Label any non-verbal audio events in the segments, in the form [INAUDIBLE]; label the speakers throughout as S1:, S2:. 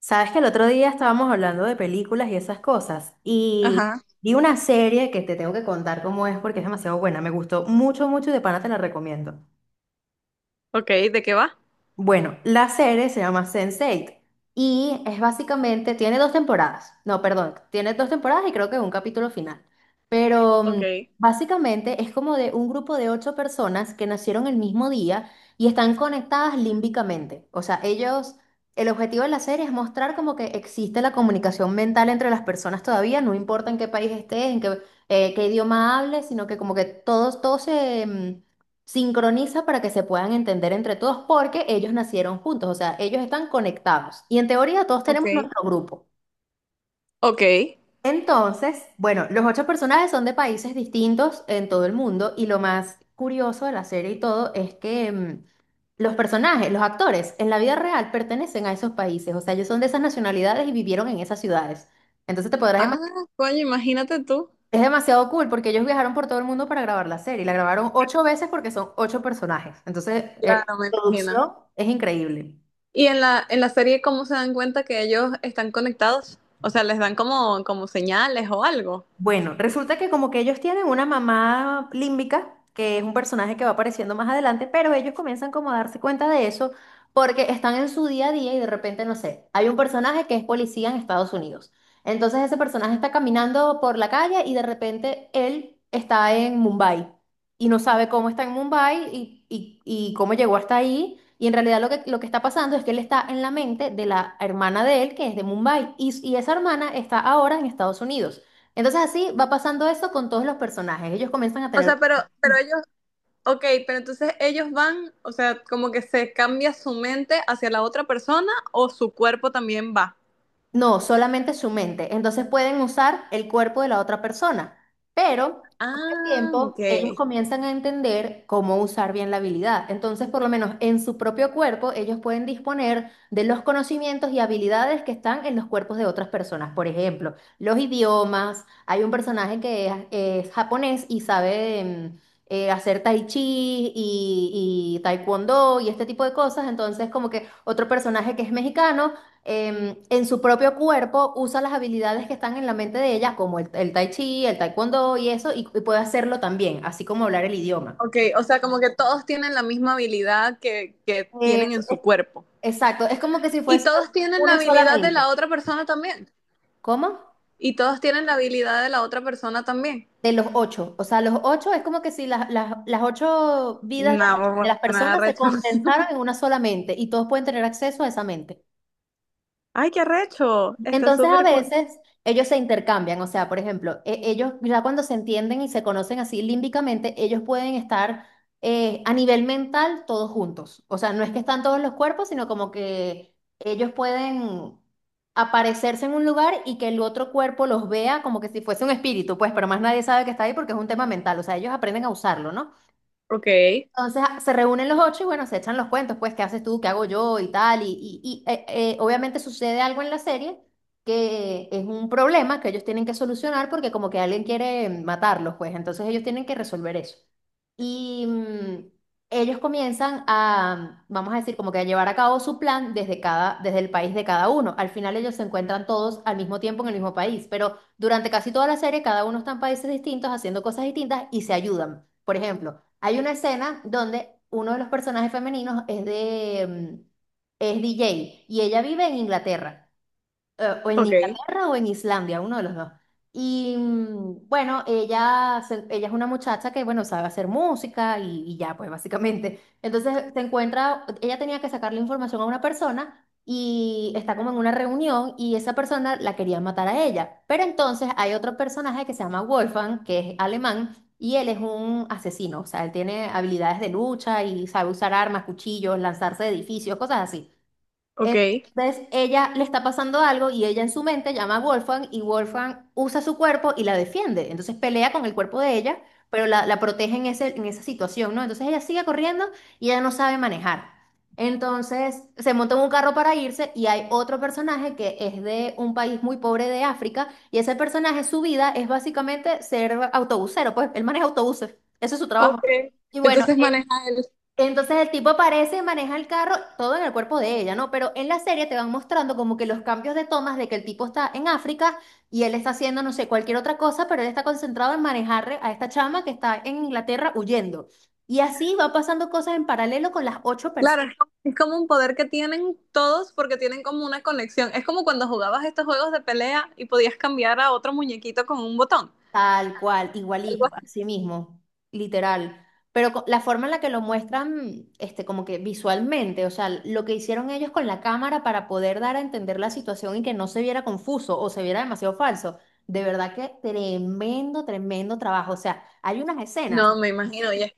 S1: Sabes que el otro día estábamos hablando de películas y esas cosas, y
S2: Ajá.
S1: vi una serie que te tengo que contar cómo es porque es demasiado buena, me gustó mucho, mucho y de pana te la recomiendo.
S2: Ok, ¿de qué va?
S1: Bueno, la serie se llama Sense8 y es básicamente, tiene dos temporadas, no, perdón, tiene dos temporadas y creo que un capítulo final, pero
S2: Ok.
S1: básicamente es como de un grupo de ocho personas que nacieron el mismo día y están conectadas límbicamente. O sea, ellos, el objetivo de la serie es mostrar como que existe la comunicación mental entre las personas todavía, no importa en qué país estés, en qué, qué idioma hables, sino que como que todos se sincroniza para que se puedan entender entre todos porque ellos nacieron juntos, o sea, ellos están conectados y en teoría todos
S2: Ok.
S1: tenemos nuestro grupo.
S2: Ok.
S1: Entonces, bueno, los ocho personajes son de países distintos en todo el mundo y lo más curioso de la serie y todo es que los personajes, los actores en la vida real pertenecen a esos países, o sea, ellos son de esas nacionalidades y vivieron en esas ciudades. Entonces te podrás.
S2: Ah, coño, imagínate tú.
S1: Es demasiado cool porque ellos viajaron por todo el mundo para grabar la serie. La grabaron ocho veces porque son ocho personajes. Entonces,
S2: Claro, me
S1: la
S2: imagino.
S1: producción es increíble.
S2: ¿Y en la serie cómo se dan cuenta que ellos están conectados? O sea, les dan como, como señales o algo.
S1: Bueno, resulta que como que ellos tienen una mamá límbica, que es un personaje que va apareciendo más adelante, pero ellos comienzan como a darse cuenta de eso porque están en su día a día y de repente, no sé, hay un personaje que es policía en Estados Unidos. Entonces ese personaje está caminando por la calle y de repente él está en Mumbai y no sabe cómo está en Mumbai y cómo llegó hasta ahí. Y en realidad lo que está pasando es que él está en la mente de la hermana de él, que es de Mumbai, y esa hermana está ahora en Estados Unidos. Entonces así va pasando eso con todos los personajes. Ellos comienzan a
S2: O
S1: tener.
S2: sea, pero ellos, ok, pero entonces ellos van, o sea, como que se cambia su mente hacia la otra persona o su cuerpo también va.
S1: No, solamente su mente. Entonces pueden usar el cuerpo de la otra persona, pero
S2: Ah, ok.
S1: tiempo, ellos comienzan a entender cómo usar bien la habilidad. Entonces, por lo menos en su propio cuerpo, ellos pueden disponer de los conocimientos y habilidades que están en los cuerpos de otras personas. Por ejemplo, los idiomas. Hay un personaje que es japonés y sabe hacer tai chi y taekwondo y este tipo de cosas. Entonces, como que otro personaje que es mexicano en su propio cuerpo, usa las habilidades que están en la mente de ella, como el tai chi, el taekwondo y eso, y puede hacerlo también, así como hablar el idioma.
S2: Ok, o sea, como que todos tienen la misma habilidad que tienen
S1: Eso,
S2: en su cuerpo.
S1: exacto, es como que si
S2: Y
S1: fuese
S2: todos tienen la
S1: una
S2: habilidad de
S1: solamente.
S2: la otra persona también.
S1: ¿Cómo?
S2: Y todos tienen la habilidad de la otra persona también.
S1: De los ocho. O sea, los ocho es como que si las ocho vidas de
S2: No,
S1: las
S2: nada
S1: personas se
S2: recho. [LAUGHS]
S1: condensaran en una sola mente y todos pueden tener acceso a esa mente.
S2: Ay, qué recho. Está
S1: Entonces a
S2: súper cool.
S1: veces ellos se intercambian, o sea, por ejemplo, ellos ya cuando se entienden y se conocen así límbicamente, ellos pueden estar a nivel mental todos juntos. O sea, no es que están todos los cuerpos, sino como que ellos pueden aparecerse en un lugar y que el otro cuerpo los vea como que si fuese un espíritu, pues, pero más nadie sabe que está ahí porque es un tema mental, o sea, ellos aprenden a usarlo, ¿no?
S2: Ok,
S1: Entonces se reúnen los ocho y bueno, se echan los cuentos, pues, ¿qué haces tú? ¿Qué hago yo? Y tal. Obviamente sucede algo en la serie que es un problema que ellos tienen que solucionar porque como que alguien quiere matarlos, pues, entonces ellos tienen que resolver eso. Y ellos comienzan a, vamos a decir, como que a llevar a cabo su plan desde cada, desde el país de cada uno. Al final ellos se encuentran todos al mismo tiempo en el mismo país, pero durante casi toda la serie cada uno está en países distintos haciendo cosas distintas y se ayudan. Por ejemplo, hay una escena donde uno de los personajes femeninos es DJ y ella vive en Inglaterra o en
S2: ok,
S1: Inglaterra o en Islandia, uno de los dos. Y bueno, ella es una muchacha que, bueno, sabe hacer música y ya, pues básicamente. Entonces se encuentra, ella tenía que sacarle información a una persona y está como en una reunión y esa persona la quería matar a ella. Pero entonces hay otro personaje que se llama Wolfgang, que es alemán. Y él es un asesino, o sea, él tiene habilidades de lucha y sabe usar armas, cuchillos, lanzarse de edificios, cosas así.
S2: ok,
S1: Entonces ella le está pasando algo y ella en su mente llama a Wolfgang y Wolfgang usa su cuerpo y la defiende. Entonces pelea con el cuerpo de ella, pero la protege en ese, en esa situación, ¿no? Entonces ella sigue corriendo y ella no sabe manejar. Entonces se monta en un carro para irse y hay otro personaje que es de un país muy pobre de África y ese personaje su vida es básicamente ser autobusero, pues él maneja autobuses, ese es su
S2: ok.
S1: trabajo. Y bueno,
S2: Entonces maneja el...
S1: entonces el tipo aparece, maneja el carro, todo en el cuerpo de ella, ¿no? Pero en la serie te van mostrando como que los cambios de tomas de que el tipo está en África y él está haciendo, no sé, cualquier otra cosa, pero él está concentrado en manejar a esta chama que está en Inglaterra huyendo. Y así va pasando cosas en paralelo con las ocho personas.
S2: Claro, es como un poder que tienen todos porque tienen como una conexión. Es como cuando jugabas estos juegos de pelea y podías cambiar a otro muñequito con un botón.
S1: Tal cual,
S2: Algo
S1: igualito,
S2: así.
S1: así mismo, literal. Pero la forma en la que lo muestran, este, como que visualmente, o sea, lo que hicieron ellos con la cámara para poder dar a entender la situación y que no se viera confuso o se viera demasiado falso. De verdad que tremendo, tremendo trabajo. O sea, hay unas escenas.
S2: No, me imagino.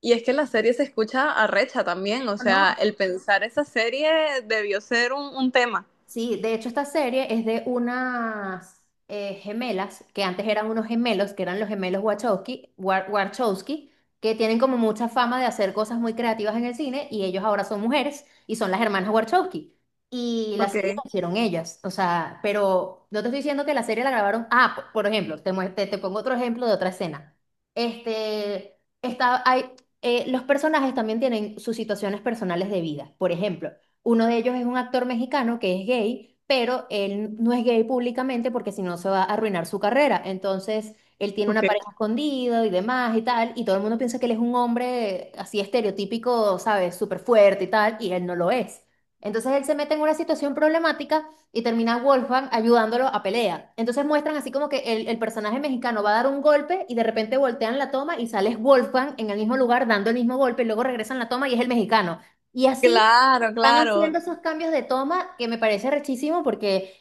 S2: Y es que la serie se escucha arrecha también, o
S1: No.
S2: sea, el pensar esa serie debió ser un tema.
S1: Sí, de hecho esta serie es de unas gemelas, que antes eran unos gemelos, que eran los gemelos Wachowski, Warchowski, que tienen como mucha fama de hacer cosas muy creativas en el cine y ellos ahora son mujeres y son las hermanas Warchowski. Y la
S2: Ok,
S1: serie la hicieron ellas, o sea, pero no te estoy diciendo que la serie la grabaron, por ejemplo, te pongo otro ejemplo de otra escena. Este, está, hay, los personajes también tienen sus situaciones personales de vida, por ejemplo. Uno de ellos es un actor mexicano que es gay, pero él no es gay públicamente porque si no se va a arruinar su carrera. Entonces, él tiene una
S2: ok.
S1: pareja escondida y demás y tal, y todo el mundo piensa que él es un hombre así estereotípico, ¿sabes? Súper fuerte y tal, y él no lo es. Entonces él se mete en una situación problemática y termina Wolfgang ayudándolo a pelea. Entonces muestran así como que el personaje mexicano va a dar un golpe y de repente voltean la toma y sale Wolfgang en el mismo lugar dando el mismo golpe y luego regresan la toma y es el mexicano. Y así
S2: Claro,
S1: están haciendo
S2: claro,
S1: esos cambios de toma que me parece rechísimo porque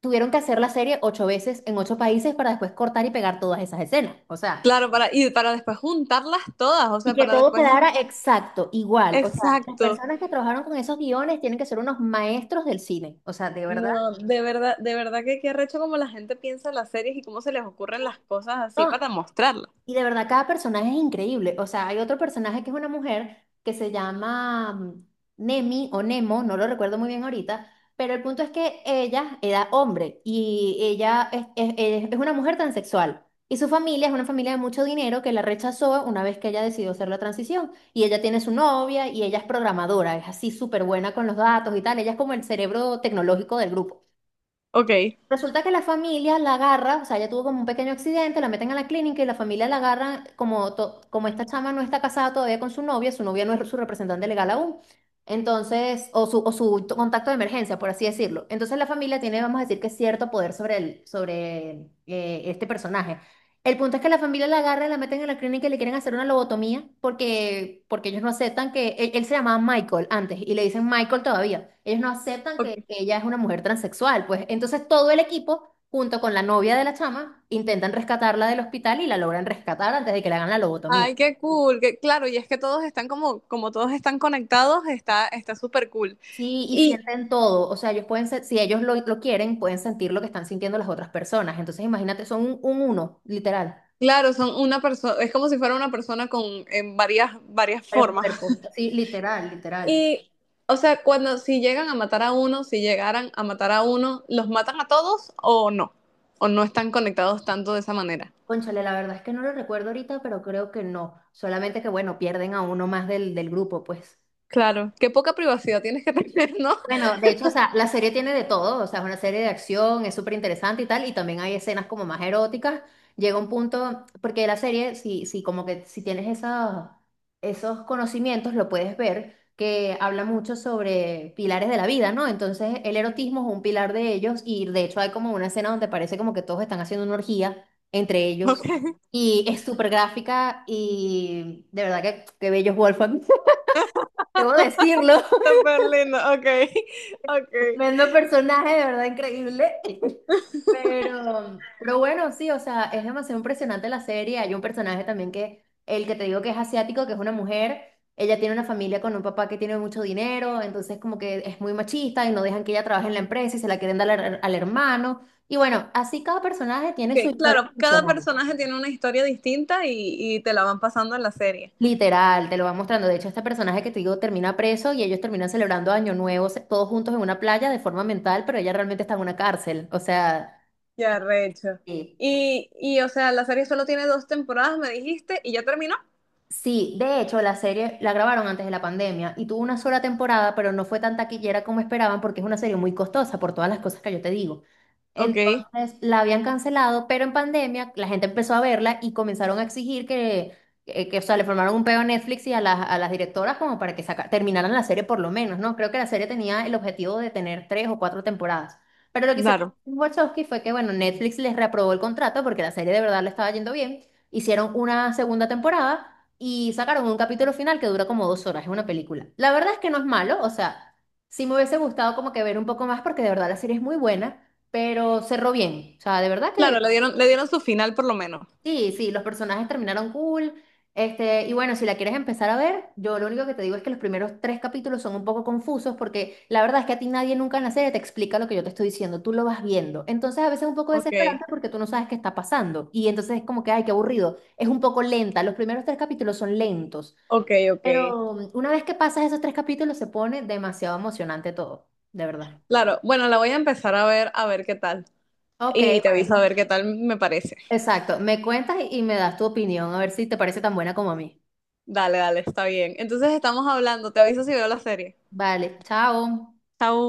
S1: tuvieron que hacer la serie ocho veces en ocho países para después cortar y pegar todas esas escenas. O sea,
S2: claro, para, y para después juntarlas todas, o
S1: y
S2: sea,
S1: que
S2: para
S1: todo
S2: después...
S1: quedara exacto, igual. O sea, las
S2: Exacto.
S1: personas que trabajaron con esos guiones tienen que ser unos maestros del cine. O sea, de verdad.
S2: No, de verdad que qué arrecho como la gente piensa las series y cómo se les ocurren las cosas así
S1: No.
S2: para mostrarlas.
S1: Y de verdad, cada personaje es increíble. O sea, hay otro personaje que es una mujer que se llama Nemi o Nemo, no lo recuerdo muy bien ahorita, pero el punto es que ella era hombre y ella es una mujer transexual. Y su familia es una familia de mucho dinero que la rechazó una vez que ella decidió hacer la transición. Y ella tiene su novia y ella es programadora, es así súper buena con los datos y tal. Ella es como el cerebro tecnológico del grupo.
S2: Ok,
S1: Resulta que la familia la agarra, o sea, ella tuvo como un pequeño accidente, la meten a la clínica y la familia la agarra, como esta chama no está casada todavía con su novia no es su representante legal aún, entonces, o su contacto de emergencia, por así decirlo. Entonces la familia tiene, vamos a decir que cierto poder sobre este personaje. El punto es que la familia la agarra, la meten en la clínica y le quieren hacer una lobotomía porque ellos no aceptan que él se llamaba Michael antes y le dicen Michael todavía. Ellos no aceptan que
S2: ok.
S1: ella es una mujer transexual, pues. Entonces todo el equipo, junto con la novia de la chama, intentan rescatarla del hospital y la logran rescatar antes de que le hagan la lobotomía.
S2: Ay, qué cool, que, claro, y es que todos están como, como todos están conectados, está súper cool.
S1: Sí, y
S2: Y,
S1: sienten todo. O sea, ellos pueden ser, si ellos lo quieren, pueden sentir lo que están sintiendo las otras personas. Entonces imagínate, son un uno, literal.
S2: Claro, son una persona, es como si fuera una persona con en varias
S1: Varios
S2: formas.
S1: cuerpos.
S2: [LAUGHS]
S1: Sí, literal, literal.
S2: Y, o sea, cuando si llegan a matar a uno, si llegaran a matar a uno, ¿los matan a todos o no? ¿O no están conectados tanto de esa manera?
S1: Cónchale, la verdad es que no lo recuerdo ahorita, pero creo que no. Solamente que, bueno, pierden a uno más del grupo, pues.
S2: Claro, qué poca privacidad tienes que tener, ¿no?
S1: Bueno, de hecho, o sea, la serie tiene de todo, o sea, es una serie de acción, es súper interesante y tal, y también hay escenas como más eróticas. Llega un punto, porque la serie, si como que si tienes esos conocimientos, lo puedes ver, que habla mucho sobre pilares de la vida, ¿no? Entonces, el erotismo es un pilar de ellos, y de hecho hay como una escena donde parece como que todos están haciendo una orgía entre ellos,
S2: [LAUGHS] Ok,
S1: y es súper gráfica, y de verdad que, bello es Wolfgang, [LAUGHS] debo decirlo.
S2: súper lindo, ok, ok.
S1: Tremendo personaje, de verdad increíble. [LAUGHS] Pero bueno, sí, o sea, es demasiado impresionante la serie. Hay un personaje también que, el que te digo que es asiático, que es una mujer, ella tiene una familia con un papá que tiene mucho dinero, entonces como que es muy machista y no dejan que ella trabaje en la empresa y se la quieren dar al hermano. Y bueno, así cada personaje tiene su
S2: Ok,
S1: historia
S2: claro, cada
S1: personal.
S2: personaje tiene una historia distinta y te la van pasando en la serie.
S1: Literal, te lo va mostrando. De hecho, este personaje que te digo termina preso y ellos terminan celebrando Año Nuevo todos juntos en una playa de forma mental, pero ella realmente está en una cárcel. O sea…
S2: Ya, recho.
S1: Sí.
S2: Y, o sea, la serie solo tiene dos temporadas, me dijiste, y ya terminó.
S1: Sí, de hecho, la serie la grabaron antes de la pandemia y tuvo una sola temporada, pero no fue tan taquillera como esperaban porque es una serie muy costosa por todas las cosas que yo te digo.
S2: Ok,
S1: Entonces la habían cancelado, pero en pandemia la gente empezó a verla y comenzaron a exigir que, o sea, le formaron un peo a Netflix y a las directoras como para que terminaran la serie por lo menos, ¿no? Creo que la serie tenía el objetivo de tener 3 o 4 temporadas. Pero lo que hicieron
S2: claro.
S1: los Wachowski fue que, bueno, Netflix les reaprobó el contrato porque la serie de verdad le estaba yendo bien. Hicieron una segunda temporada y sacaron un capítulo final que dura como 2 horas, es una película. La verdad es que no es malo, o sea, sí me hubiese gustado como que ver un poco más porque de verdad la serie es muy buena, pero cerró bien, o sea, de verdad
S2: Claro,
S1: que
S2: le dieron su final por lo menos.
S1: sí, sí, los personajes terminaron cool, este, y bueno, si la quieres empezar a ver, yo lo único que te digo es que los primeros 3 capítulos son un poco confusos porque la verdad es que a ti nadie nunca en la serie te explica lo que yo te estoy diciendo, tú lo vas viendo, entonces a veces es un poco
S2: Ok,
S1: desesperante porque tú no sabes qué está pasando y entonces es como que, ay, qué aburrido, es un poco lenta, los primeros 3 capítulos son lentos.
S2: ok, ok.
S1: Pero una vez que pasas esos 3 capítulos se pone demasiado emocionante todo, de verdad.
S2: Claro, bueno, la voy a empezar a ver qué tal.
S1: Ok,
S2: Y te aviso a
S1: bueno.
S2: ver qué tal me parece.
S1: Exacto. Me cuentas y me das tu opinión, a ver si te parece tan buena como a mí.
S2: Dale, dale, está bien. Entonces estamos hablando, te aviso si veo la serie.
S1: Vale, chao.
S2: Chao.